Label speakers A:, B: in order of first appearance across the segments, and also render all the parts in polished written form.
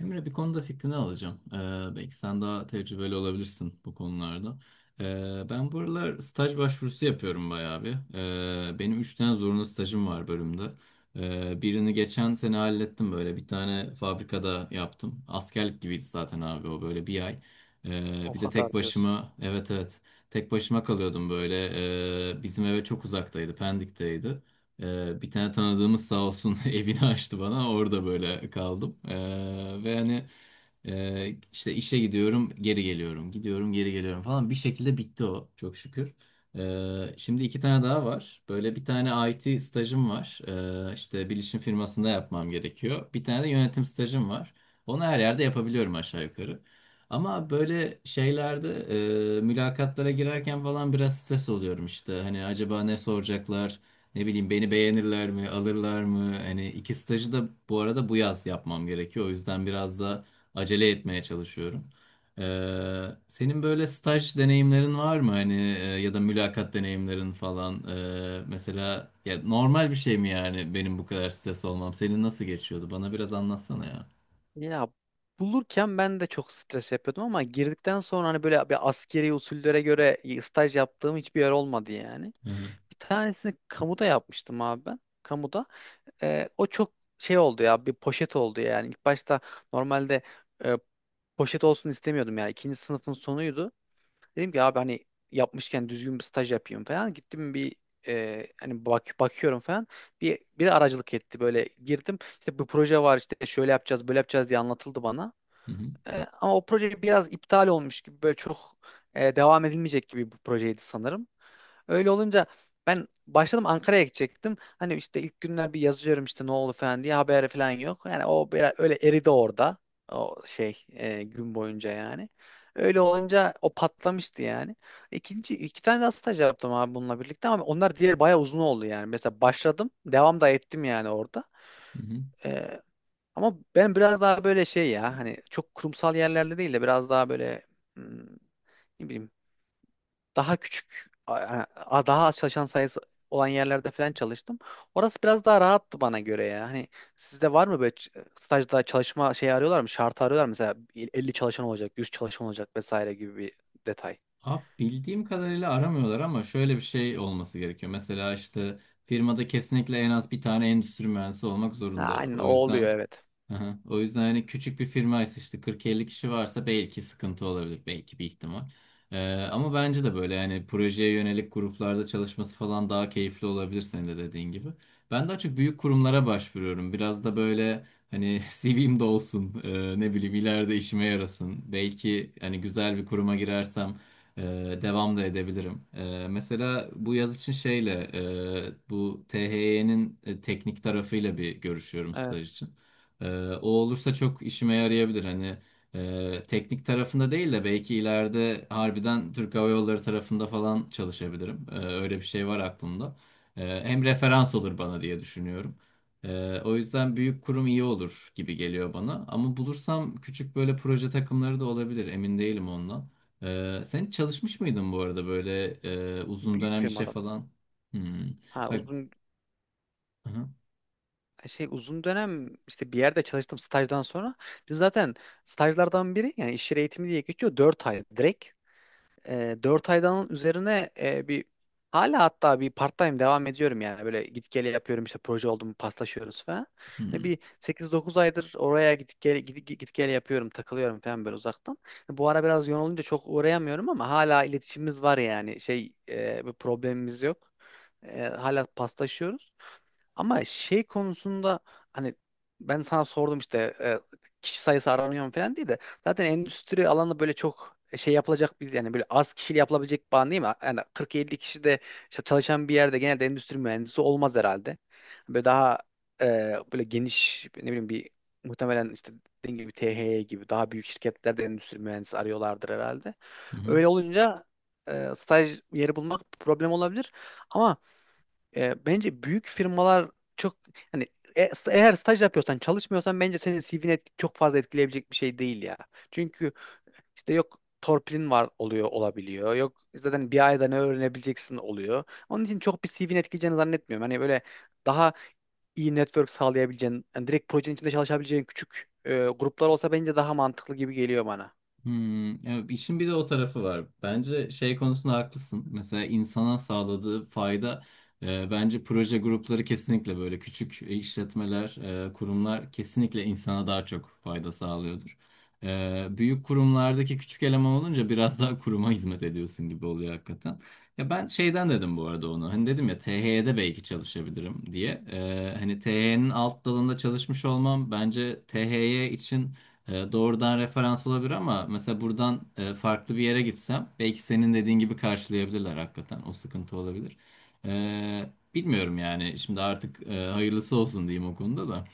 A: Emre bir konuda fikrini alacağım. Belki sen daha tecrübeli olabilirsin bu konularda. Ben bu aralar staj başvurusu yapıyorum bayağı bir. Benim üç tane zorunlu stajım var bölümde. Birini geçen sene hallettim böyle. Bir tane fabrikada yaptım. Askerlik gibiydi zaten abi o böyle bir ay.
B: O
A: Bir de
B: kadar
A: tek
B: diyorsun.
A: başıma, evet evet, tek başıma kalıyordum böyle. Bizim eve çok uzaktaydı, Pendik'teydi. Bir tane tanıdığımız sağ olsun evini açtı bana. Orada böyle kaldım. Ve hani işte işe gidiyorum, geri geliyorum. Gidiyorum, geri geliyorum falan. Bir şekilde bitti o çok şükür. Şimdi iki tane daha var. Böyle bir tane IT stajım var. İşte bilişim firmasında yapmam gerekiyor. Bir tane de yönetim stajım var. Onu her yerde yapabiliyorum aşağı yukarı. Ama böyle şeylerde mülakatlara girerken falan biraz stres oluyorum işte. Hani acaba ne soracaklar? Ne bileyim, beni beğenirler mi, alırlar mı? Hani iki stajı da bu arada bu yaz yapmam gerekiyor. O yüzden biraz da acele etmeye çalışıyorum. Senin böyle staj deneyimlerin var mı? Hani ya da mülakat deneyimlerin falan. Mesela ya normal bir şey mi yani benim bu kadar stres olmam? Senin nasıl geçiyordu? Bana biraz anlatsana ya.
B: Ya bulurken ben de çok stres yapıyordum ama girdikten sonra hani böyle bir askeri usullere göre staj yaptığım hiçbir yer olmadı yani.
A: Hı hı.
B: Bir tanesini kamuda yapmıştım abi ben. Kamuda. O çok şey oldu ya bir poşet oldu yani. İlk başta normalde e, poşet olsun istemiyordum yani. İkinci sınıfın sonuydu. Dedim ki abi hani yapmışken düzgün bir staj yapayım falan. Gittim bir hani bakıyorum falan. Biri aracılık etti böyle girdim. İşte bu proje var işte şöyle yapacağız böyle yapacağız diye anlatıldı bana.
A: Hı hı.
B: Ama o proje biraz iptal olmuş gibi böyle çok devam edilmeyecek gibi bir projeydi sanırım. Öyle olunca ben başladım Ankara'ya gidecektim. Hani işte ilk günler bir yazıyorum işte ne oldu falan diye haberi falan yok. Yani o biraz öyle eridi orada. O şey gün boyunca yani. Öyle olunca o patlamıştı yani. İkinci iki tane daha staj yaptım abi bununla birlikte ama onlar diğer bayağı uzun oldu yani. Mesela başladım, devam da ettim yani orada.
A: Hı hı.
B: Ama ben biraz daha böyle şey ya hani çok kurumsal yerlerde değil de biraz daha böyle hmm, ne bileyim daha küçük daha az çalışan sayısı olan yerlerde falan çalıştım. Orası biraz daha rahattı bana göre ya. Hani sizde var mı böyle stajda çalışma şeyi arıyorlar mı? Şartı arıyorlar mı? Mesela 50 çalışan olacak, 100 çalışan olacak vesaire gibi bir detay.
A: Abi bildiğim kadarıyla aramıyorlar ama şöyle bir şey olması gerekiyor. Mesela işte firmada kesinlikle en az bir tane endüstri mühendisi olmak
B: Ha,
A: zorunda.
B: aynen o
A: O yüzden.
B: oluyor evet.
A: Aha. O yüzden hani küçük bir firmaysa, işte 40-50 kişi varsa belki sıkıntı olabilir. Belki bir ihtimal. Ama bence de böyle hani projeye yönelik gruplarda çalışması falan daha keyifli olabilir, senin de dediğin gibi. Ben daha çok büyük kurumlara başvuruyorum. Biraz da böyle hani CV'm de olsun. Ne bileyim, ileride işime yarasın. Belki hani güzel bir kuruma girersem e, devam da edebilirim. Mesela bu yaz için şeyle bu THY'nin teknik tarafıyla bir görüşüyorum
B: Evet.
A: staj için. Ee, O olursa çok işime yarayabilir. Hani teknik tarafında değil de belki ileride harbiden Türk Hava Yolları tarafında falan çalışabilirim. Öyle bir şey var aklımda. Hem referans olur bana diye düşünüyorum. O yüzden büyük kurum iyi olur gibi geliyor bana. Ama bulursam küçük böyle proje takımları da olabilir. Emin değilim ondan. Sen hiç çalışmış mıydın bu arada böyle uzun
B: Büyük
A: dönem işe
B: firmada mı?
A: falan? Hmm.
B: Ha,
A: Bak. Hı hı.
B: uzun dönem işte bir yerde çalıştım stajdan sonra. Bizim zaten stajlardan biri yani iş yeri eğitimi diye geçiyor 4 ay direkt. 4 aydan üzerine bir hala hatta bir part time devam ediyorum yani böyle git gele yapıyorum işte proje oldu mu paslaşıyoruz falan. Hani
A: Hmm.
B: bir 8-9 aydır oraya git gele, git gele yapıyorum takılıyorum falan böyle uzaktan. Bu ara biraz yoğun olunca çok uğrayamıyorum ama hala iletişimimiz var yani şey bir problemimiz yok. Hala paslaşıyoruz. Ama şey konusunda hani ben sana sordum işte kişi sayısı aranıyor mu falan diye de zaten endüstri alanı böyle çok şey yapılacak bir yani böyle az kişiyle yapılabilecek bir alan değil mi? Yani 40-50 kişi de işte çalışan bir yerde genelde endüstri mühendisi olmaz herhalde. Böyle daha böyle geniş ne bileyim bir muhtemelen işte dediğim gibi THY gibi daha büyük şirketlerde endüstri mühendisi arıyorlardır herhalde.
A: Hı hı.
B: Öyle olunca staj yeri bulmak problem olabilir. Ama bence büyük firmalar çok hani eğer staj yapıyorsan çalışmıyorsan bence senin CV'ni çok fazla etkileyebilecek bir şey değil ya. Çünkü işte yok torpilin var oluyor olabiliyor. Yok zaten bir ayda ne öğrenebileceksin oluyor. Onun için çok bir CV'ni etkileyeceğini zannetmiyorum. Hani böyle daha iyi network sağlayabileceğin, yani direkt projenin içinde çalışabileceğin küçük gruplar olsa bence daha mantıklı gibi geliyor bana.
A: Ya işin bir de o tarafı var. Bence şey konusunda haklısın. Mesela insana sağladığı fayda, bence proje grupları kesinlikle, böyle küçük işletmeler, kurumlar kesinlikle insana daha çok fayda sağlıyordur. Büyük kurumlardaki küçük eleman olunca biraz daha kuruma hizmet ediyorsun gibi oluyor hakikaten. Ya ben şeyden dedim bu arada onu. Hani dedim ya THY'de belki çalışabilirim diye. Hani THY'nin alt dalında çalışmış olmam bence THY için doğrudan referans olabilir, ama mesela buradan farklı bir yere gitsem belki senin dediğin gibi karşılayabilirler hakikaten. O sıkıntı olabilir. Bilmiyorum yani şimdi artık, hayırlısı olsun diyeyim o konuda da.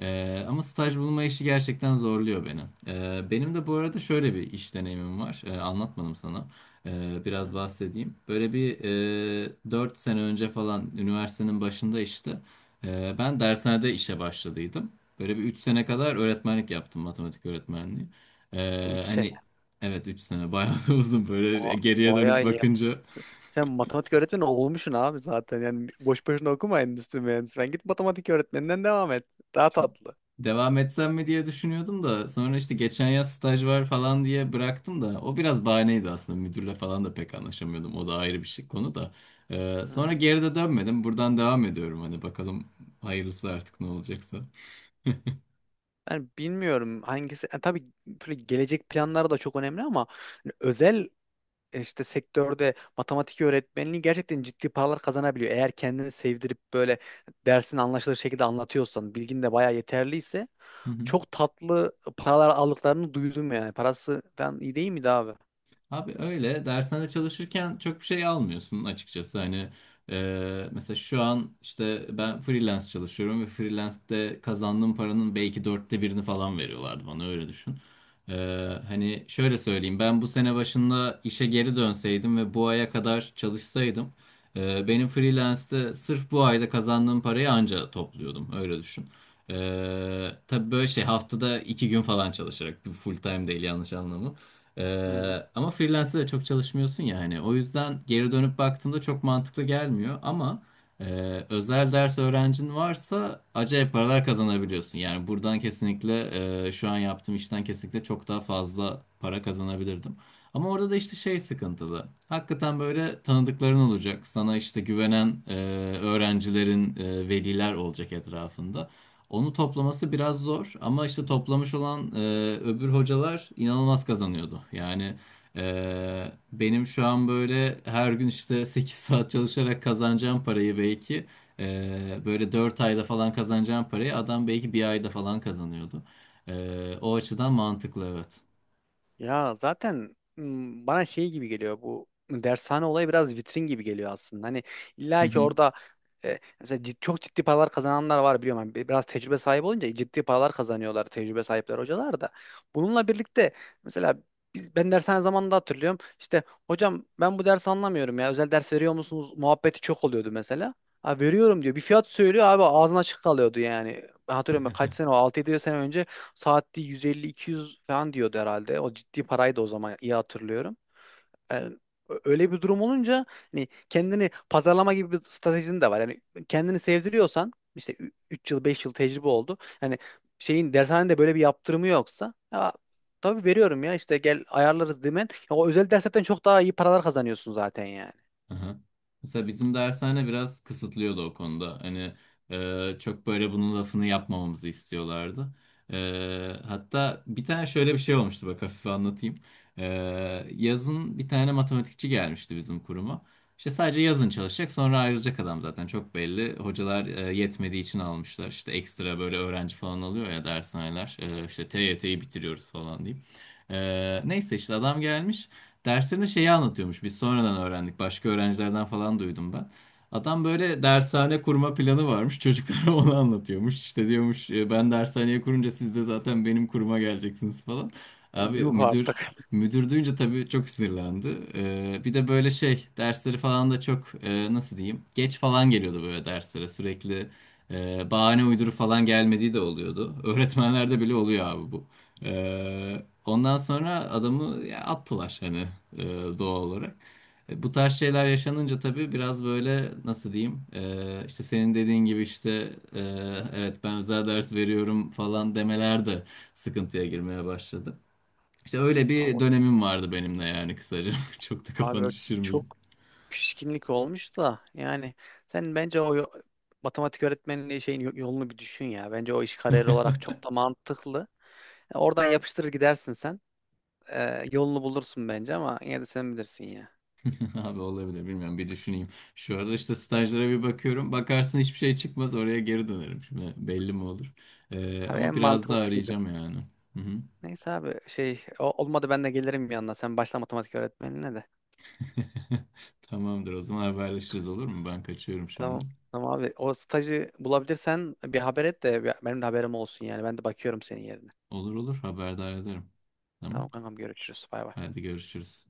A: Ama staj bulma işi gerçekten zorluyor beni. Benim de bu arada şöyle bir iş deneyimim var. Anlatmadım sana.
B: Hı
A: Biraz
B: hı.
A: bahsedeyim. Böyle bir 4 sene önce falan, üniversitenin başında işte ben dershanede işe başladıydım. Böyle bir 3 sene kadar öğretmenlik yaptım, matematik öğretmenliği.
B: 3.
A: Hani evet, 3 sene bayağı da uzun böyle
B: Ba-
A: geriye dönüp
B: Bayağı iyi ya.
A: bakınca,
B: Sen, sen matematik öğretmeni olmuşsun abi zaten. Yani boş boşuna okuma endüstri mühendisi. Ben git matematik öğretmeninden devam et. Daha
A: işte
B: tatlı.
A: devam etsem mi diye düşünüyordum da sonra işte geçen yaz staj var falan diye bıraktım. Da o biraz bahaneydi aslında, müdürle falan da pek anlaşamıyordum, o da ayrı bir şey, konu da.
B: Hı
A: Sonra
B: hı.
A: geri de dönmedim, buradan devam ediyorum. Hani bakalım hayırlısı artık ne olacaksa.
B: Ben bilmiyorum hangisi. Tabii böyle gelecek planları da çok önemli ama hani özel işte sektörde matematik öğretmenliği gerçekten ciddi paralar kazanabiliyor. Eğer kendini sevdirip böyle dersini anlaşılır şekilde anlatıyorsan, bilgin de bayağı yeterliyse çok tatlı paralar aldıklarını duydum yani. Parası falan iyi değil miydi abi?
A: Abi öyle dershane çalışırken çok bir şey almıyorsun açıkçası. Hani mesela şu an işte ben freelance çalışıyorum ve freelance'de kazandığım paranın belki dörtte birini falan veriyorlardı bana, öyle düşün. E, Hani şöyle söyleyeyim, ben bu sene başında işe geri dönseydim ve bu aya kadar çalışsaydım, benim freelance'de sırf bu ayda kazandığım parayı anca topluyordum, öyle düşün. Tabii böyle şey, haftada 2 gün falan çalışarak, full time değil, yanlış anlama.
B: Hı hı.
A: Ama freelance'de de çok çalışmıyorsun ya, hani o yüzden geri dönüp baktığımda çok mantıklı gelmiyor ama e, özel ders öğrencin varsa acayip paralar kazanabiliyorsun. Yani buradan kesinlikle, şu an yaptığım işten kesinlikle çok daha fazla para kazanabilirdim. Ama orada da işte şey sıkıntılı. Hakikaten böyle tanıdıkların olacak. Sana işte güvenen öğrencilerin, veliler olacak etrafında. Onu toplaması biraz zor ama işte toplamış olan öbür hocalar inanılmaz kazanıyordu. Yani benim şu an böyle her gün işte 8 saat çalışarak kazanacağım parayı, belki böyle 4 ayda falan kazanacağım parayı adam belki bir ayda falan kazanıyordu. O açıdan mantıklı, evet.
B: Ya zaten bana şey gibi geliyor bu dershane olayı biraz vitrin gibi geliyor aslında. Hani illa ki orada mesela çok ciddi paralar kazananlar var biliyorum. Hani biraz tecrübe sahibi olunca ciddi paralar kazanıyorlar tecrübe sahipler hocalar da. Bununla birlikte mesela ben dershane zamanında hatırlıyorum. İşte hocam ben bu dersi anlamıyorum ya özel ders veriyor musunuz muhabbeti çok oluyordu mesela. Ha, veriyorum diyor. Bir fiyat söylüyor abi ağzına açık kalıyordu yani. Ben hatırlıyorum kaç sene o 6 yedi sene önce saatte 150-200 falan diyordu herhalde. O ciddi paraydı o zaman iyi hatırlıyorum. Yani öyle bir durum olunca hani kendini pazarlama gibi bir stratejin de var. Yani kendini sevdiriyorsan işte 3 yıl 5 yıl tecrübe oldu. Hani şeyin dershanede böyle bir yaptırımı yoksa ya, tabii veriyorum ya işte gel ayarlarız demen. Ya o özel derslerden çok daha iyi paralar kazanıyorsun zaten yani.
A: Aha. Mesela bizim dershane biraz kısıtlıyordu o konuda. Hani çok böyle bunun lafını yapmamamızı istiyorlardı. E, Hatta bir tane şöyle bir şey olmuştu, bak hafife anlatayım. E, Yazın bir tane matematikçi gelmişti bizim kuruma. İşte sadece yazın çalışacak sonra ayrılacak adam zaten, çok belli. Hocalar yetmediği için almışlar. İşte ekstra böyle öğrenci falan alıyor ya dershaneler. İşte TYT'yi bitiriyoruz falan diyeyim. Neyse işte adam gelmiş. Derslerinde şeyi anlatıyormuş. Biz sonradan öğrendik, başka öğrencilerden falan duydum ben. Adam böyle dershane kurma planı varmış. Çocuklara onu anlatıyormuş. İşte diyormuş, Ben dershaneye kurunca siz de zaten benim kuruma geleceksiniz" falan.
B: O
A: Abi
B: yuh
A: müdür
B: artık.
A: müdür duyunca tabii çok sinirlendi. Bir de böyle şey dersleri falan da çok, nasıl diyeyim, geç falan geliyordu böyle derslere sürekli. Bahane uyduru falan gelmediği de oluyordu. Öğretmenlerde bile oluyor abi bu. Ondan sonra adamı ya, attılar hani, e, doğal olarak. Bu tarz şeyler yaşanınca tabii biraz böyle, nasıl diyeyim, işte senin dediğin gibi işte, e, evet ben özel ders veriyorum falan demeler de sıkıntıya girmeye başladı. İşte öyle bir
B: Ama
A: dönemim vardı benim de, yani kısaca. Çok da
B: abi
A: kafanı
B: o
A: şişirmeyeyim.
B: çok pişkinlik olmuş da yani sen bence o matematik öğretmenliği şeyin yolunu bir düşün ya. Bence o iş kariyer olarak çok da mantıklı. Oradan yapıştırır gidersin sen. Yolunu bulursun bence ama yine de sen bilirsin ya.
A: Abi olabilir, bilmiyorum, bir düşüneyim. Şu arada işte stajlara bir bakıyorum. Bakarsın hiçbir şey çıkmaz, oraya geri dönerim. Şimdi belli mi olur?
B: Abi
A: Ama
B: en
A: biraz daha
B: mantıklısı gibi.
A: arayacağım yani. Hı hı.
B: Neyse abi şey olmadı ben de gelirim yanına. Sen başla matematik öğretmenliğine de.
A: Tamamdır, o zaman haberleşiriz olur mu? Ben kaçıyorum
B: Tamam.
A: şimdi.
B: Tamam abi o stajı bulabilirsen bir haber et de benim de haberim olsun yani. Ben de bakıyorum senin yerine.
A: Olur olur, haberdar ederim.
B: Tamam
A: Tamam.
B: kankam görüşürüz. Bay bay.
A: Hadi görüşürüz.